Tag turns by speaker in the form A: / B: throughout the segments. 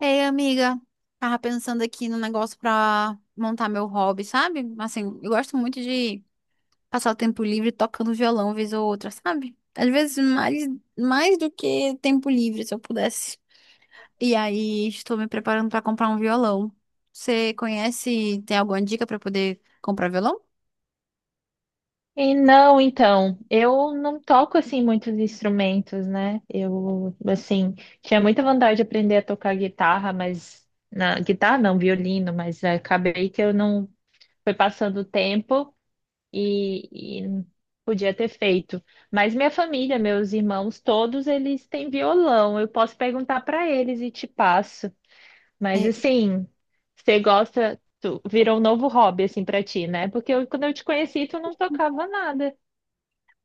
A: Ei, amiga, tava pensando aqui no negócio pra montar meu hobby, sabe? Assim, eu gosto muito de passar o tempo livre tocando violão vez ou outra, sabe? Às vezes mais, mais do que tempo livre, se eu pudesse. E aí, estou me preparando pra comprar um violão. Você conhece, tem alguma dica pra poder comprar violão?
B: E não, então, eu não toco assim muitos instrumentos, né? Tinha muita vontade de aprender a tocar guitarra, mas na guitarra não, violino, mas acabei que eu não foi passando o tempo e podia ter feito. Mas minha família, meus irmãos, todos eles têm violão. Eu posso perguntar para eles e te passo. Mas
A: É,
B: assim, você gosta, tu, virou um novo hobby assim para ti, né? Porque quando eu te conheci, tu não tocava nada.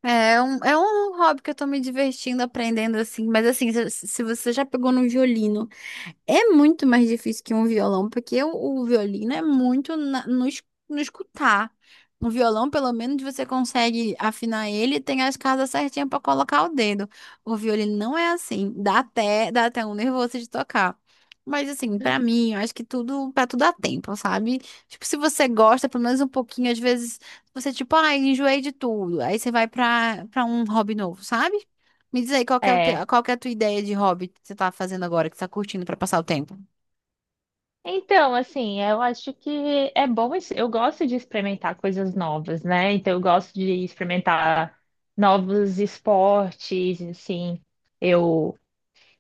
A: é um hobby que eu tô me divertindo aprendendo, assim, mas assim, se você já pegou no violino. É muito mais difícil que um violão, porque o violino é muito no escutar. No violão, pelo menos, você consegue afinar ele e tem as casas certinhas para colocar o dedo. O violino não é assim. Dá até um nervoso de tocar. Mas, assim, para mim, eu acho que para tudo há tempo, sabe? Tipo, se você gosta, pelo menos um pouquinho, às vezes, você, tipo, ai, enjoei de tudo. Aí você vai para um hobby novo, sabe? Me diz aí, qual que é, o teu-
B: É.
A: qual que é a tua ideia de hobby que você tá fazendo agora, que você tá curtindo pra passar o tempo?
B: Então, assim, eu acho que é bom. Eu gosto de experimentar coisas novas, né? Então, eu gosto de experimentar novos esportes, assim. Eu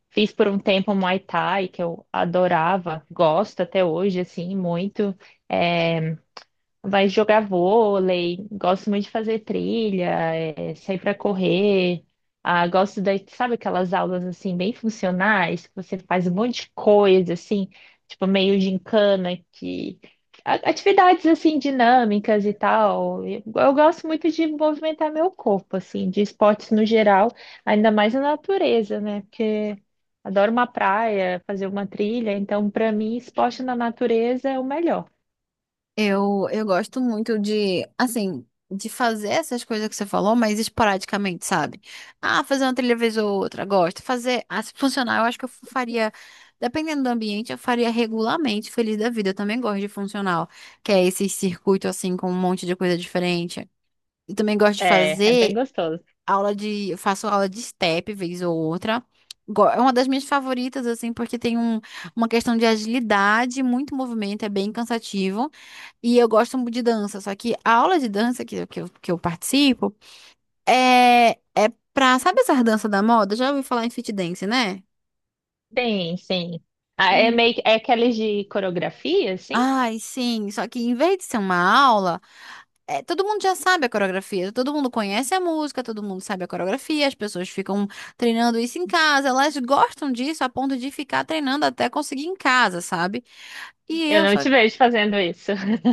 B: fiz por um tempo Muay Thai, que eu adorava, gosto até hoje, assim, muito. É, vai jogar vôlei, gosto muito de fazer trilha, é, sair para correr. Ah, gosto da, sabe aquelas aulas assim bem funcionais, que você faz um monte de coisa assim, tipo meio gincana, que atividades assim dinâmicas e tal. Eu gosto muito de movimentar meu corpo assim, de esportes no geral, ainda mais na natureza, né? Porque adoro uma praia, fazer uma trilha, então para mim esporte na natureza é o melhor.
A: Eu gosto muito de, assim, de fazer essas coisas que você falou, mas esporadicamente, sabe? Ah, fazer uma trilha vez ou outra, gosto. Fazer, ah, se funcionar, eu acho que eu faria, dependendo do ambiente, eu faria regularmente, feliz da vida. Eu também gosto de funcional, que é esse circuito, assim, com um monte de coisa diferente. Eu também gosto de
B: É, é bem
A: fazer
B: gostoso.
A: aula de step vez ou outra. É uma das minhas favoritas, assim, porque tem uma questão de agilidade, muito movimento, é bem cansativo. E eu gosto muito de dança, só que a aula de dança que eu participo é, sabe essa dança da moda? Já ouvi falar em fit dance, né?
B: Sim, sim. Ah, é meio que- é aqueles de coreografia, assim?
A: Ai, sim. Só que em vez de ser uma aula, todo mundo já sabe a coreografia, todo mundo conhece a música, todo mundo sabe a coreografia, as pessoas ficam treinando isso em casa, elas gostam disso a ponto de ficar treinando até conseguir em casa, sabe? E
B: Eu
A: eu
B: não
A: só,
B: te vejo fazendo isso.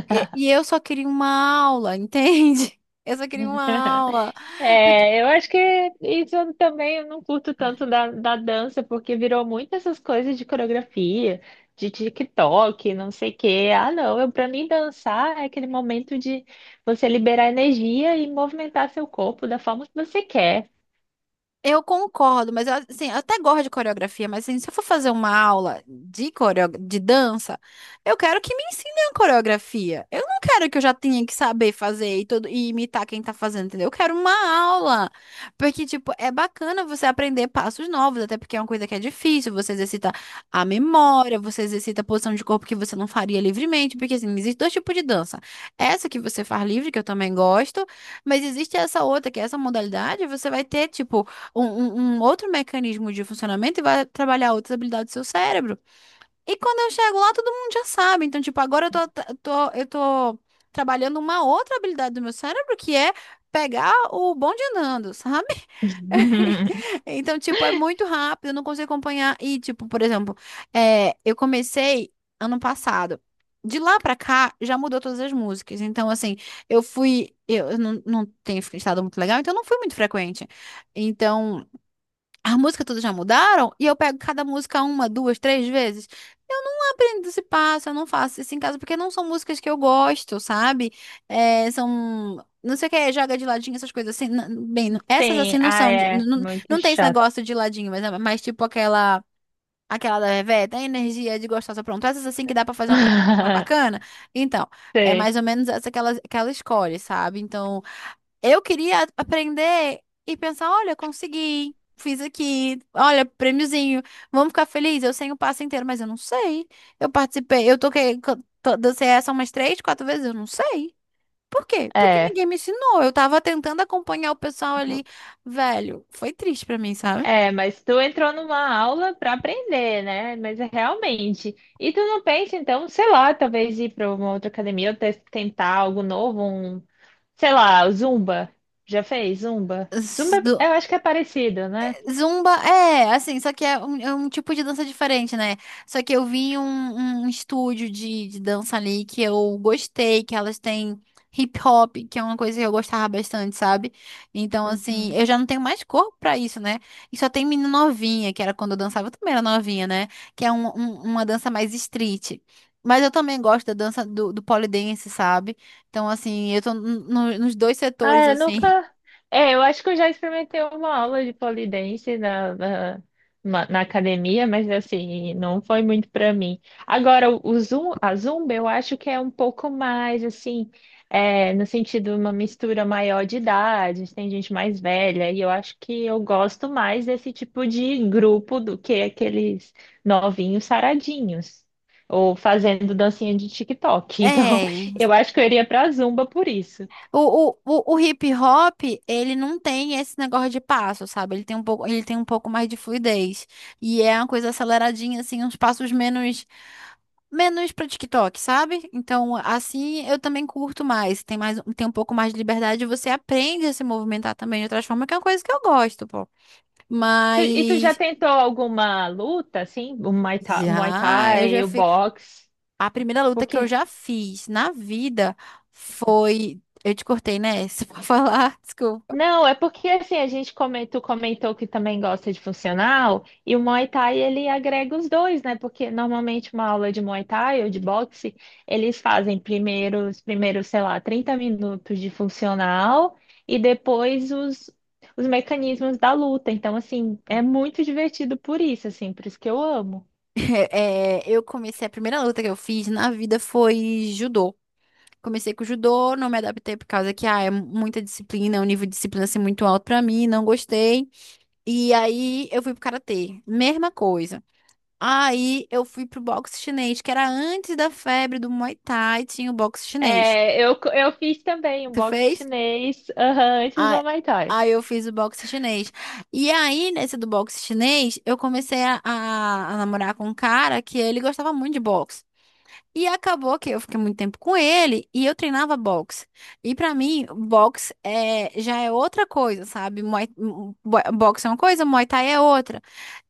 A: e eu só queria uma aula, entende? Eu só queria uma aula.
B: É, eu acho que isso eu também eu não curto tanto da, da dança, porque virou muito essas coisas de coreografia, de TikTok, não sei o quê. Ah, não, eu, pra mim dançar é aquele momento de você liberar energia e movimentar seu corpo da forma que você quer.
A: Eu concordo, mas eu, assim, eu até gosto de coreografia, mas assim, se eu for fazer uma aula de coreo... de dança, eu quero que me ensinem a coreografia. Eu não quero que eu já tenha que saber fazer e, tudo, e imitar quem tá fazendo, entendeu? Eu quero uma aula. Porque, tipo, é bacana você aprender passos novos, até porque é uma coisa que é difícil, você exercita a memória, você exercita a posição de corpo que você não faria livremente, porque, assim, existem dois tipos de dança. Essa que você faz livre, que eu também gosto, mas existe essa outra, que é essa modalidade, você vai ter, tipo, um outro mecanismo de funcionamento e vai trabalhar outras habilidades do seu cérebro. E quando eu chego lá, todo mundo já sabe. Então, tipo, agora eu tô trabalhando uma outra habilidade do meu cérebro, que é pegar o bonde andando, sabe? Então, tipo, é muito rápido, eu não consigo acompanhar. E, tipo, por exemplo, é, eu comecei ano passado. De lá pra cá, já mudou todas as músicas. Então, assim, eu fui. Eu não tenho estado muito legal, então eu não fui muito frequente. Então. A música todas já mudaram e eu pego cada música uma, duas, três vezes. Eu não aprendo esse passo, eu não faço isso em casa, porque não são músicas que eu gosto, sabe? É, são. Não sei o que é, joga de ladinho, essas coisas assim. Bem, essas assim
B: Sim,
A: não
B: ah,
A: são. Não,
B: é
A: não
B: muito
A: não tem esse
B: chato.
A: negócio de ladinho, mas, é mais tipo aquela. Aquela da Reveta, a energia de gostosa, pronto. Essas assim que dá pra fazer uma coisa mais bacana. Então, é
B: Sim,
A: mais ou menos essa que ela escolhe, sabe? Então. Eu queria aprender e pensar, olha, consegui, fiz aqui, olha, prêmiozinho, vamos ficar felizes. Eu sei o passo inteiro, mas eu não sei. Eu participei, eu toquei, co- to- dancei essa umas três, quatro vezes, eu não sei. Por quê? Porque
B: é.
A: ninguém me ensinou. Eu tava tentando acompanhar o pessoal ali, velho. Foi triste pra mim, sabe?
B: É, mas tu entrou numa aula para aprender, né? Mas é realmente. E tu não pensa, então, sei lá, talvez ir para uma outra academia ou tentar algo novo, um, sei lá, o Zumba. Já fez Zumba? Zumba, é, eu acho que é parecido, né?
A: Zumba é, assim, só que é um tipo de dança diferente, né? Só que eu vi um, um estúdio de dança ali que eu gostei, que elas têm hip hop, que é uma coisa que eu gostava bastante, sabe? Então, assim,
B: Uhum.
A: eu já não tenho mais corpo pra isso, né? E só tem menina novinha, que era quando eu dançava, eu também era novinha, né? Que é um- um- uma dança mais street. Mas eu também gosto da dança do, do pole dance, sabe? Então, assim, eu tô no- no- nos dois setores,
B: Ah, eu
A: assim.
B: nunca. É, eu acho que eu já experimentei uma aula de pole dance na, na, na academia, mas assim, não foi muito para mim. Agora, o a zumba eu acho que é um pouco mais assim, é, no sentido uma mistura maior de idades, tem gente mais velha, e eu acho que eu gosto mais desse tipo de grupo do que aqueles novinhos saradinhos. Ou fazendo dancinha de TikTok. Então,
A: É.
B: eu acho que eu iria pra Zumba por isso.
A: O, o hip hop, ele não tem esse negócio de passo, sabe? Ele tem um pouco, ele tem um pouco mais de fluidez. E é uma coisa aceleradinha, assim, uns passos menos, menos pra TikTok, sabe? Então, assim, eu também curto mais. Tem mais, tem um pouco mais de liberdade. E você aprende a se movimentar também de outras formas, que é uma coisa que eu gosto, pô.
B: E tu já
A: Mas,
B: tentou alguma luta, assim? O Muay Thai, Muay
A: já, eu
B: Thai,
A: já
B: o
A: fiz.
B: boxe?
A: A primeira
B: Por
A: luta que eu
B: quê?
A: já fiz na vida foi. Eu te cortei, né? Se for falar, desculpa.
B: Não, é porque assim, a gente comentou que também gosta de funcional, e o Muay Thai ele agrega os dois, né? Porque normalmente uma aula de Muay Thai ou de boxe, eles fazem primeiro, os primeiros, sei lá, 30 minutos de funcional e depois os mecanismos da luta. Então, assim, é muito divertido por isso, assim, por isso que eu amo.
A: É, eu comecei, a primeira luta que eu fiz na vida foi judô. Comecei com judô, não me adaptei por causa que ah, é muita disciplina, é um nível de disciplina assim, muito alto pra mim, não gostei. E aí eu fui pro karatê, mesma coisa. Aí eu fui pro boxe chinês, que era antes da febre do Muay Thai, tinha o boxe chinês.
B: É, eu fiz também um
A: Tu
B: box
A: fez?
B: chinês, aham, antes
A: Ah,
B: do Muay Thai.
A: aí eu fiz o boxe chinês. E aí, nesse do boxe chinês, eu comecei a namorar com um cara que ele gostava muito de boxe. E acabou que eu fiquei muito tempo com ele e eu treinava boxe. E pra mim, boxe é, já é outra coisa, sabe? Boxe é uma coisa, Muay Thai é outra.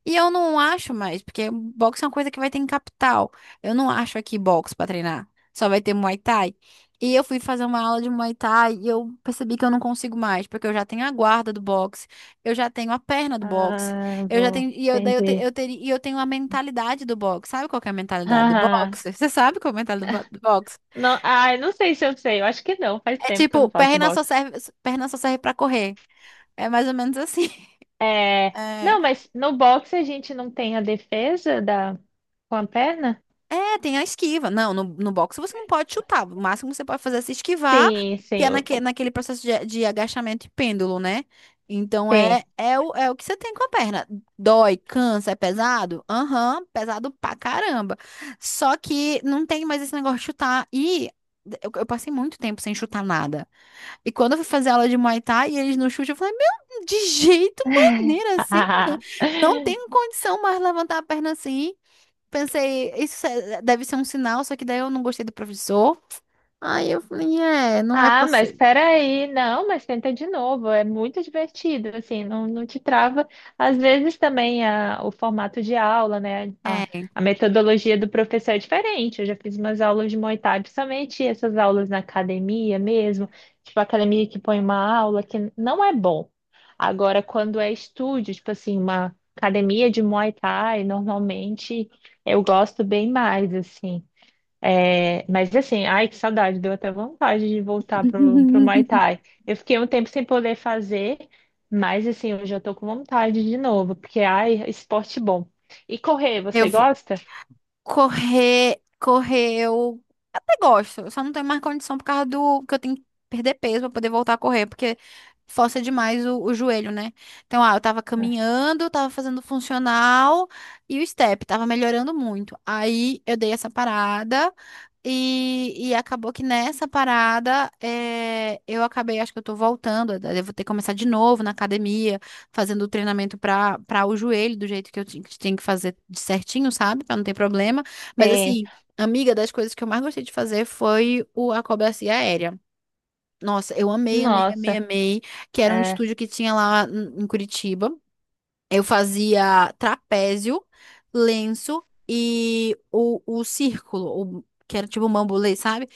A: E eu não acho mais, porque boxe é uma coisa que vai ter em capital. Eu não acho aqui boxe pra treinar. Só vai ter Muay Thai. E eu fui fazer uma aula de Muay Thai e eu percebi que eu não consigo mais, porque eu já tenho a guarda do boxe, eu já tenho a perna do boxe,
B: Ah,
A: eu já
B: vou
A: tenho e eu, daí eu,
B: entender.
A: eu teria e eu tenho a mentalidade do boxe. Sabe qual que é a mentalidade do
B: Haha.
A: boxe? Você sabe qual é a mentalidade do do boxe?
B: Não, ah, não sei se eu sei, eu acho que não, faz
A: É
B: tempo que eu
A: tipo,
B: não faço boxe.
A: perna só serve para correr. É mais ou menos assim.
B: É,
A: é
B: não, mas no boxe a gente não tem a defesa da, com a perna?
A: É, tem a esquiva. Não, no, no boxe você não pode chutar. O máximo que você pode fazer é se esquivar,
B: Sim,
A: que
B: sim,
A: é naquele processo de agachamento e pêndulo, né? Então
B: tem.
A: é o que você tem com a perna. Dói, cansa, é pesado? Aham, pesado pra caramba. Só que não tem mais esse negócio de chutar. E eu passei muito tempo sem chutar nada. E quando eu fui fazer aula de Muay Thai e eles não chutam, eu falei, meu, de jeito, maneira assim, né? Não tenho condição mais levantar a perna assim, pensei, isso é- deve ser um sinal, só que daí eu não gostei do professor. Aí eu falei, é, não é
B: Ah, mas
A: passeio.
B: peraí, não, mas tenta de novo, é muito divertido, assim, não, não te trava. Às vezes também a, o formato de aula, né,
A: É.
B: a metodologia do professor é diferente. Eu já fiz umas aulas de Muay Thai, principalmente essas aulas na academia mesmo, tipo academia que põe uma aula que não é bom. Agora, quando é estúdio, tipo assim, uma academia de Muay Thai, normalmente eu gosto bem mais, assim. É, mas assim, ai, que saudade, deu até vontade de voltar pro, pro Muay Thai. Eu fiquei um tempo sem poder fazer, mas assim, hoje eu tô com vontade de novo, porque ai, esporte bom. E correr,
A: Eu
B: você
A: vou-
B: gosta?
A: Correr, correr, eu até gosto. Eu só não tenho mais condição por causa do que eu tenho que perder peso pra poder voltar a correr, porque força demais o joelho, né? Então, ah, eu tava caminhando, tava fazendo funcional e o step tava melhorando muito. Aí eu dei essa parada e acabou que nessa parada eu acabei, acho que eu tô voltando, eu devo ter que começar de novo na academia fazendo o treinamento para o joelho, do jeito que tinha que fazer de certinho, sabe, para não ter problema. Mas
B: Tem.
A: assim, amiga, das coisas que eu mais gostei de fazer foi a acrobacia aérea. Nossa, eu amei, amei, amei,
B: Nossa,
A: amei, que era um
B: é,
A: estúdio que tinha lá em Curitiba. Eu fazia trapézio, lenço e o círculo que era tipo um bambolê, sabe?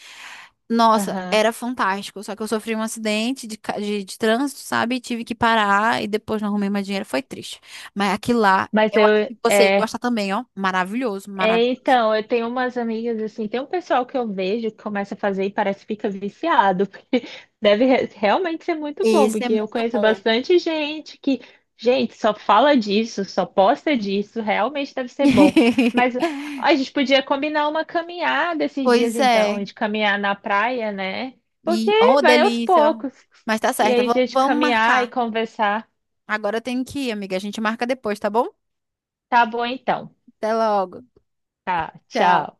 A: Nossa,
B: aham.
A: era fantástico. Só que eu sofri um acidente de trânsito, sabe? Tive que parar e depois não arrumei mais dinheiro. Foi triste. Mas aquilo lá,
B: Mas
A: eu acho
B: eu,
A: que você ia
B: é,
A: gostar também, ó. Maravilhoso,
B: é,
A: maravilhoso.
B: então, eu tenho umas amigas assim, tem um pessoal que eu vejo que começa a fazer e parece que fica viciado, porque deve realmente ser muito bom,
A: Esse é
B: porque eu
A: muito
B: conheço
A: bom.
B: bastante gente que, gente, só fala disso, só posta disso, realmente deve ser bom. Mas a gente podia combinar uma caminhada esses dias
A: Pois é.
B: então, de caminhar na praia, né? Porque
A: E, oh,
B: vai aos
A: delícia.
B: poucos.
A: Mas tá
B: E
A: certo,
B: aí, a
A: vamos
B: gente
A: vamos
B: caminhar e
A: marcar.
B: conversar.
A: Agora eu tenho que ir, amiga. A gente marca depois, tá bom?
B: Tá bom então.
A: Até logo.
B: Tá,
A: Tchau.
B: tchau.